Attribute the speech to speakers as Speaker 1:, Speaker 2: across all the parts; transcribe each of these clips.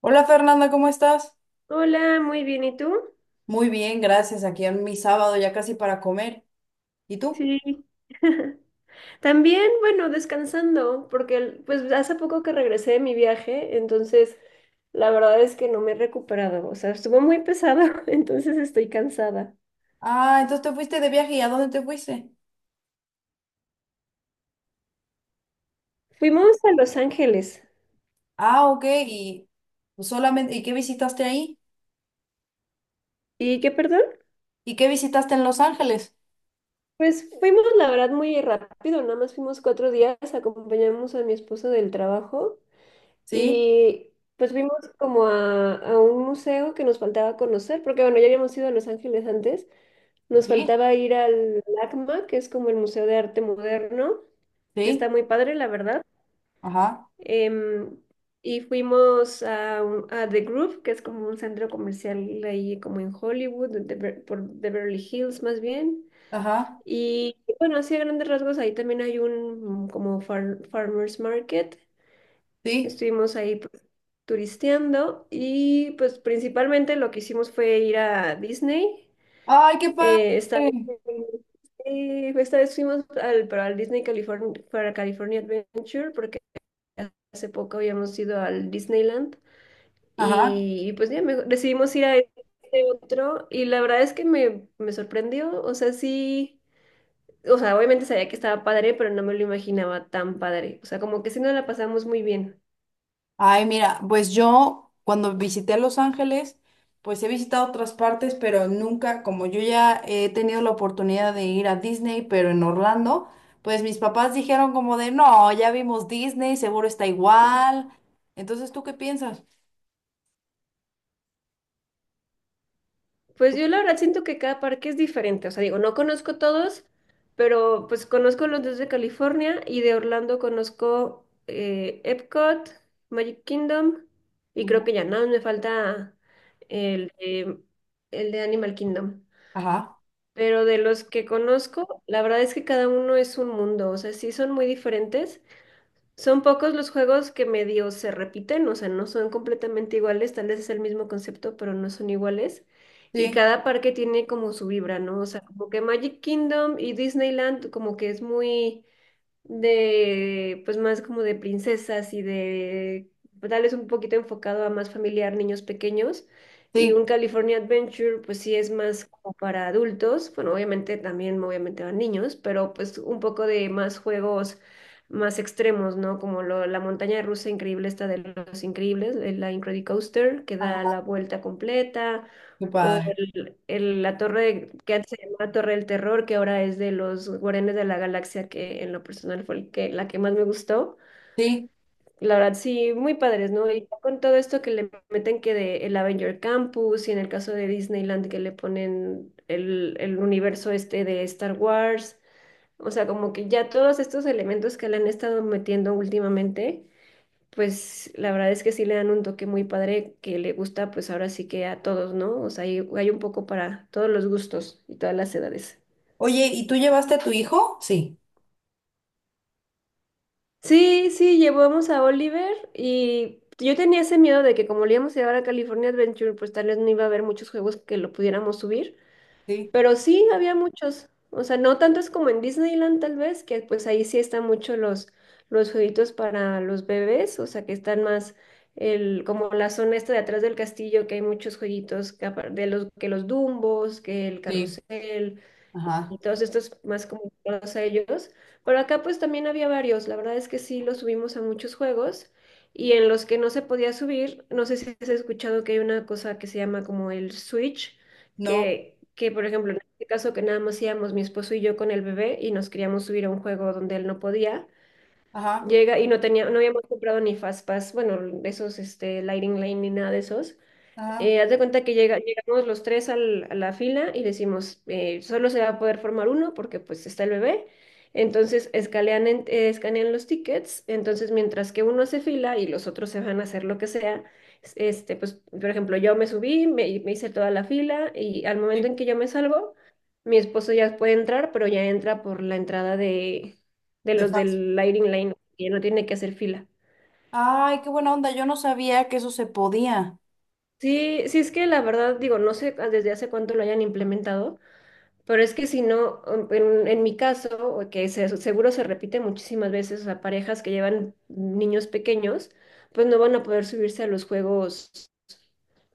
Speaker 1: Hola Fernanda, ¿cómo estás?
Speaker 2: Hola, muy bien, ¿y tú?
Speaker 1: Muy bien, gracias. Aquí en mi sábado ya casi para comer. ¿Y tú?
Speaker 2: Sí, también, bueno, descansando, porque pues hace poco que regresé de mi viaje, entonces la verdad es que no me he recuperado, o sea, estuvo muy pesado, entonces estoy cansada.
Speaker 1: Ah, entonces te fuiste de viaje. ¿Y a dónde te fuiste?
Speaker 2: Fuimos a Los Ángeles.
Speaker 1: Ah, ok. ¿Y pues solamente, y qué visitaste ahí?
Speaker 2: ¿Y qué, perdón?
Speaker 1: ¿Y qué visitaste en Los Ángeles?
Speaker 2: Pues fuimos, la verdad, muy rápido, nada más fuimos cuatro días, acompañamos a mi esposo del trabajo
Speaker 1: Sí,
Speaker 2: y pues fuimos como a un museo que nos faltaba conocer, porque bueno, ya habíamos ido a Los Ángeles antes. Nos
Speaker 1: sí,
Speaker 2: faltaba ir al LACMA, que es como el Museo de Arte Moderno, que está
Speaker 1: sí.
Speaker 2: muy padre, la verdad.
Speaker 1: Ajá,
Speaker 2: Em, y fuimos a, a The Groove, que es como un centro comercial ahí como en Hollywood, de por Beverly Hills más bien.
Speaker 1: ajá,
Speaker 2: Y bueno, así a grandes rasgos, ahí también hay un como farmers market.
Speaker 1: sí.
Speaker 2: Estuvimos ahí pues, turisteando y pues principalmente lo que hicimos fue ir a Disney.
Speaker 1: Ay, qué padre.
Speaker 2: Esta vez, esta vez fuimos para el Disney California, para California Adventure porque hace poco habíamos ido al Disneyland
Speaker 1: Ajá.
Speaker 2: y pues decidimos ir a este otro y la verdad es que me sorprendió, o sea, sí, o sea, obviamente sabía que estaba padre, pero no me lo imaginaba tan padre, o sea, como que sí nos la pasamos muy bien.
Speaker 1: Ay, mira, pues yo cuando visité Los Ángeles, pues he visitado otras partes, pero nunca, como yo ya he tenido la oportunidad de ir a Disney, pero en Orlando, pues mis papás dijeron como de, no, ya vimos Disney, seguro está igual. Entonces, ¿tú qué piensas?
Speaker 2: Pues
Speaker 1: Tú-
Speaker 2: yo la verdad siento que cada parque es diferente, o sea, digo, no conozco todos, pero pues conozco los dos de California y de Orlando conozco Epcot, Magic Kingdom y creo
Speaker 1: Ujú.
Speaker 2: que ya nada, más me falta el de, el de Animal Kingdom.
Speaker 1: Ajá.
Speaker 2: Pero de los que conozco, la verdad es que cada uno es un mundo, o sea, sí son muy diferentes, son pocos los juegos que medio se repiten, o sea, no son completamente iguales, tal vez es el mismo concepto, pero no son iguales. Y
Speaker 1: Sí,
Speaker 2: cada parque tiene como su vibra, ¿no? O sea, como que Magic Kingdom y Disneyland como que es muy de, pues más como de princesas y de, pues, tal vez un poquito enfocado a más familiar, niños pequeños. Y
Speaker 1: sí.
Speaker 2: un California Adventure, pues sí es más como para adultos. Bueno, obviamente también, obviamente van niños, pero pues un poco de más juegos más extremos, ¿no? Como la montaña rusa increíble, esta de los increíbles, de la Incredicoaster, que da
Speaker 1: Ajá.
Speaker 2: la vuelta completa
Speaker 1: Qué
Speaker 2: o
Speaker 1: padre.
Speaker 2: la torre que antes se llamaba Torre del Terror, que ahora es de los Guardianes de la Galaxia, que en lo personal fue el que, la que más me gustó.
Speaker 1: Sí.
Speaker 2: La verdad, sí, muy padres, ¿no? Y ya con todo esto que le meten que de el Avenger Campus y en el caso de Disneyland que le ponen el universo este de Star Wars, o sea, como que ya todos estos elementos que le han estado metiendo últimamente pues la verdad es que sí le dan un toque muy padre que le gusta pues ahora sí que a todos, ¿no? O sea, hay un poco para todos los gustos y todas las edades.
Speaker 1: Oye, ¿y tú llevaste a tu hijo? Sí.
Speaker 2: Sí, sí, llevamos a Oliver y yo tenía ese miedo de que como le íbamos a llevar a California Adventure, pues tal vez no iba a haber muchos juegos que lo pudiéramos subir,
Speaker 1: Sí.
Speaker 2: pero sí, había muchos. O sea, no tantos como en Disneyland tal vez, que pues ahí sí están mucho los jueguitos para los bebés, o sea, que están más el, como la zona esta de atrás del castillo, que hay muchos jueguitos que que los Dumbos, que el
Speaker 1: Sí.
Speaker 2: carrusel, y
Speaker 1: Ajá.
Speaker 2: todos estos más comunicados a ellos. Pero acá pues también había varios, la verdad es que sí los subimos a muchos juegos y en los que no se podía subir, no sé si has escuchado que hay una cosa que se llama como el switch,
Speaker 1: No.
Speaker 2: que por ejemplo en este caso que nada más íbamos mi esposo y yo con el bebé y nos queríamos subir a un juego donde él no podía.
Speaker 1: Ajá.
Speaker 2: Llega y no tenía, no habíamos comprado ni Fastpass, bueno, de esos, este, Lightning Lane ni nada de esos.
Speaker 1: Ajá.
Speaker 2: Haz de cuenta que llega, llegamos los tres a la fila y decimos, solo se va a poder formar uno porque pues está el bebé. Entonces escanean, escanean los tickets, entonces mientras que uno hace fila y los otros se van a hacer lo que sea, este, pues por ejemplo yo me subí, me hice toda la fila y al momento
Speaker 1: Sí.
Speaker 2: en que yo me salgo, mi esposo ya puede entrar, pero ya entra por la entrada de
Speaker 1: De
Speaker 2: los
Speaker 1: fácil.
Speaker 2: del Lighting Lane, que ya no tiene que hacer fila.
Speaker 1: Ay, qué buena onda. Yo no sabía que eso se podía.
Speaker 2: Sí, sí es que la verdad digo, no sé desde hace cuánto lo hayan implementado. Pero es que si no, en mi caso, o que seguro se repite muchísimas veces a parejas que llevan niños pequeños, pues no van a poder subirse a los juegos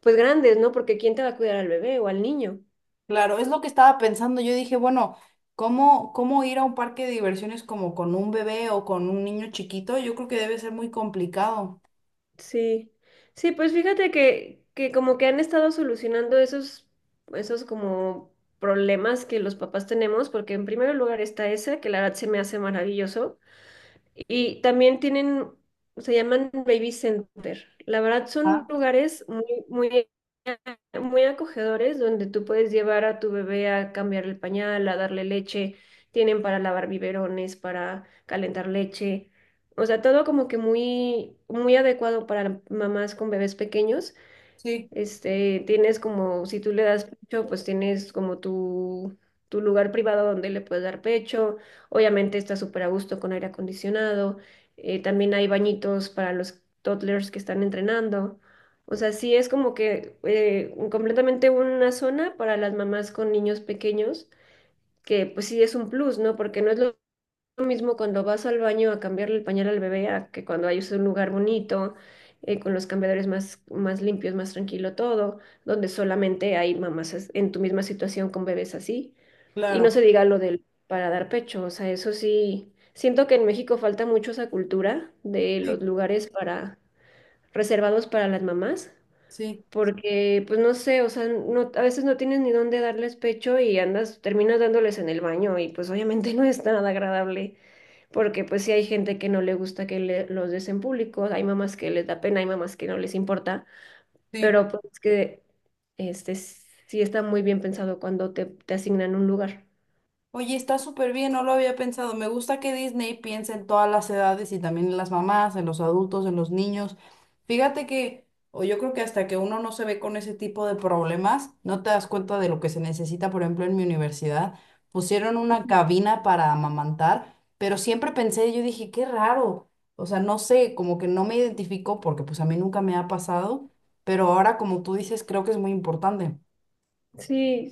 Speaker 2: pues grandes, ¿no? Porque ¿quién te va a cuidar al bebé o al niño?
Speaker 1: Claro, es lo que estaba pensando. Yo dije, bueno, ¿cómo, cómo ir a un parque de diversiones como con un bebé o con un niño chiquito? Yo creo que debe ser muy complicado.
Speaker 2: Sí, sí, pues fíjate que como que han estado solucionando esos, esos como problemas que los papás tenemos, porque en primer lugar está ese, que la verdad se me hace maravilloso. Y también tienen, se llaman Baby Center. La verdad son
Speaker 1: Ah,
Speaker 2: lugares muy, muy, muy acogedores donde tú puedes llevar a tu bebé a cambiar el pañal, a darle leche. Tienen para lavar biberones, para calentar leche. O sea, todo como que muy, muy adecuado para mamás con bebés pequeños.
Speaker 1: sí,
Speaker 2: Este, tienes como, si tú le das pecho, pues tienes como tu lugar privado donde le puedes dar pecho. Obviamente está súper a gusto con aire acondicionado. También hay bañitos para los toddlers que están entrenando. O sea, sí es como que completamente una zona para las mamás con niños pequeños, que pues sí es un plus, ¿no? Porque no es lo mismo cuando vas al baño a cambiarle el pañal al bebé a que cuando hay un lugar bonito, con los cambiadores más, más limpios, más tranquilo todo, donde solamente hay mamás en tu misma situación con bebés así. Y no
Speaker 1: claro.
Speaker 2: se diga lo del para dar pecho, o sea, eso sí, siento que en México falta mucho esa cultura de
Speaker 1: Sí,
Speaker 2: los lugares para reservados para las mamás.
Speaker 1: sí,
Speaker 2: Porque, pues no sé, o sea, no, a veces no tienes ni dónde darles pecho y andas, terminas dándoles en el baño y pues obviamente no es nada agradable porque pues sí hay gente que no le gusta que los des en público, hay mamás que les da pena, hay mamás que no les importa,
Speaker 1: sí.
Speaker 2: pero pues que este sí está muy bien pensado cuando te asignan un lugar.
Speaker 1: Oye, está súper bien, no lo había pensado. Me gusta que Disney piense en todas las edades y también en las mamás, en los adultos, en los niños. Fíjate que, o yo creo que hasta que uno no se ve con ese tipo de problemas, no te das cuenta de lo que se necesita. Por ejemplo, en mi universidad pusieron una
Speaker 2: Ujú.
Speaker 1: cabina para amamantar, pero siempre pensé, yo dije, qué raro. O sea, no sé, como que no me identifico porque pues a mí nunca me ha pasado, pero ahora como tú dices, creo que es muy importante.
Speaker 2: Sí,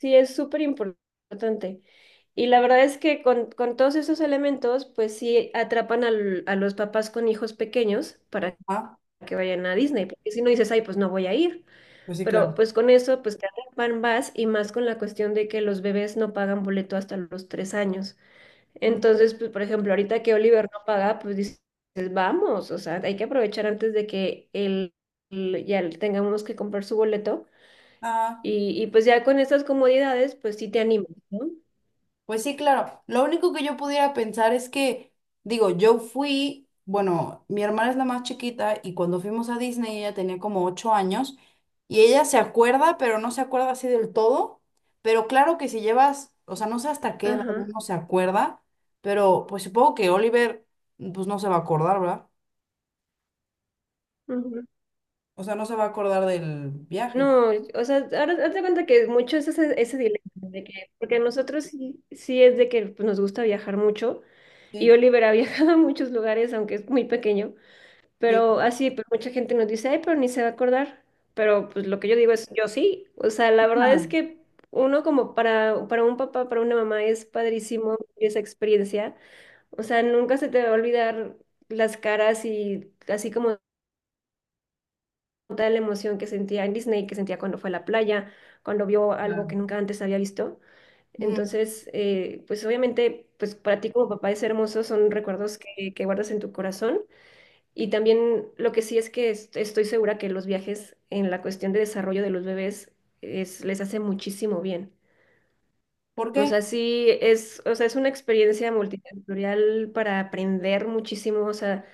Speaker 2: sí es súper importante. Y la verdad es que con todos esos elementos, pues sí atrapan a los papás con hijos pequeños para
Speaker 1: Ah,
Speaker 2: que vayan a Disney, porque si no dices, ay, pues no voy a ir.
Speaker 1: pues sí,
Speaker 2: Pero
Speaker 1: claro.
Speaker 2: pues con eso, pues cada van más y más con la cuestión de que los bebés no pagan boleto hasta los tres años.
Speaker 1: Mm.
Speaker 2: Entonces, pues por ejemplo, ahorita que Oliver no paga, pues dices, vamos, o sea, hay que aprovechar antes de que él, ya le tengamos que comprar su boleto.
Speaker 1: Ah.
Speaker 2: Y pues ya con esas comodidades, pues sí te animas, ¿no?
Speaker 1: Pues sí, claro. Lo único que yo pudiera pensar es que, digo, yo fui, bueno, mi hermana es la más chiquita y cuando fuimos a Disney ella tenía como ocho años y ella se acuerda, pero no se acuerda así del todo. Pero claro que si llevas, o sea, no sé hasta qué edad
Speaker 2: Ajá.
Speaker 1: uno se acuerda, pero pues supongo que Oliver, pues no se va a acordar, ¿verdad? O sea, no se va a acordar del viaje.
Speaker 2: No, o sea, ahora hazte cuenta que mucho es ese, ese dilema, de que, porque a nosotros sí, sí es de que pues, nos gusta viajar mucho, y
Speaker 1: Sí,
Speaker 2: Oliver ha viajado a muchos lugares, aunque es muy pequeño,
Speaker 1: sí,
Speaker 2: pero así, pues mucha gente nos dice, ay, pero ni se va a acordar, pero pues lo que yo digo es, yo sí, o sea, la verdad es
Speaker 1: Ajá.
Speaker 2: que uno como para un papá, para una mamá es padrísimo esa experiencia, o sea, nunca se te va a olvidar las caras y así como toda la emoción que sentía en Disney, que sentía cuando fue a la playa, cuando vio algo
Speaker 1: claro,
Speaker 2: que nunca antes había visto.
Speaker 1: Ujú.
Speaker 2: Entonces, pues obviamente, pues para ti como papá es hermoso, son recuerdos que guardas en tu corazón. Y también lo que sí es que estoy segura que los viajes en la cuestión de desarrollo de los bebés es, les hace muchísimo bien.
Speaker 1: ¿Por
Speaker 2: O
Speaker 1: qué?
Speaker 2: sea, sí es, o sea, es una experiencia multisensorial para aprender muchísimo, o sea,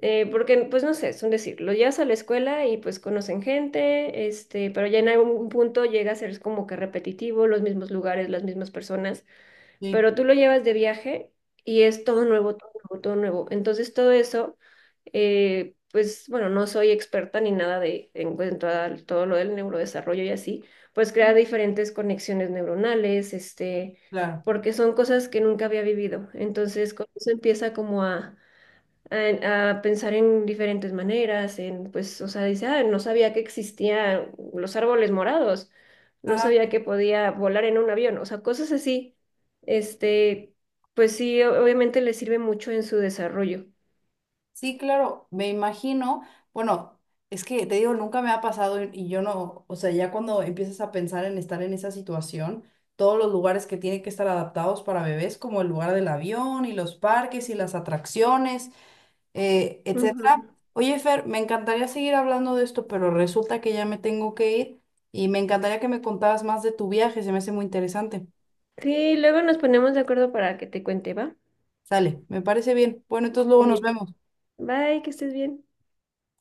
Speaker 2: porque, pues no sé, es un decir, lo llevas a la escuela y pues conocen gente, este, pero ya en algún punto llega a ser como que repetitivo, los mismos lugares, las mismas personas,
Speaker 1: Sí,
Speaker 2: pero tú lo llevas de viaje y es todo nuevo, todo nuevo, todo nuevo. Entonces todo eso, pues bueno, no soy experta ni nada de en cuanto a todo lo del neurodesarrollo y así, pues crea diferentes conexiones neuronales, este,
Speaker 1: claro.
Speaker 2: porque son cosas que nunca había vivido. Entonces con eso empieza como a a pensar en diferentes maneras, en, pues, o sea, dice, ah, no sabía que existían los árboles morados, no
Speaker 1: Ajá.
Speaker 2: sabía que podía volar en un avión, o sea, cosas así, este, pues sí, obviamente le sirve mucho en su desarrollo.
Speaker 1: Sí, claro, me imagino, bueno, es que te digo, nunca me ha pasado y yo no, o sea, ya cuando empiezas a pensar en estar en esa situación, todos los lugares que tienen que estar adaptados para bebés, como el lugar del avión y los parques y las atracciones,
Speaker 2: Ujú.
Speaker 1: etcétera. Oye, Fer, me encantaría seguir hablando de esto, pero resulta que ya me tengo que ir y me encantaría que me contaras más de tu viaje, se me hace muy interesante.
Speaker 2: Sí, luego nos ponemos de acuerdo para que te cuente, ¿va?
Speaker 1: Sale, me parece bien. Bueno, entonces luego
Speaker 2: Muy
Speaker 1: nos
Speaker 2: bien.
Speaker 1: vemos.
Speaker 2: Bye, que estés bien.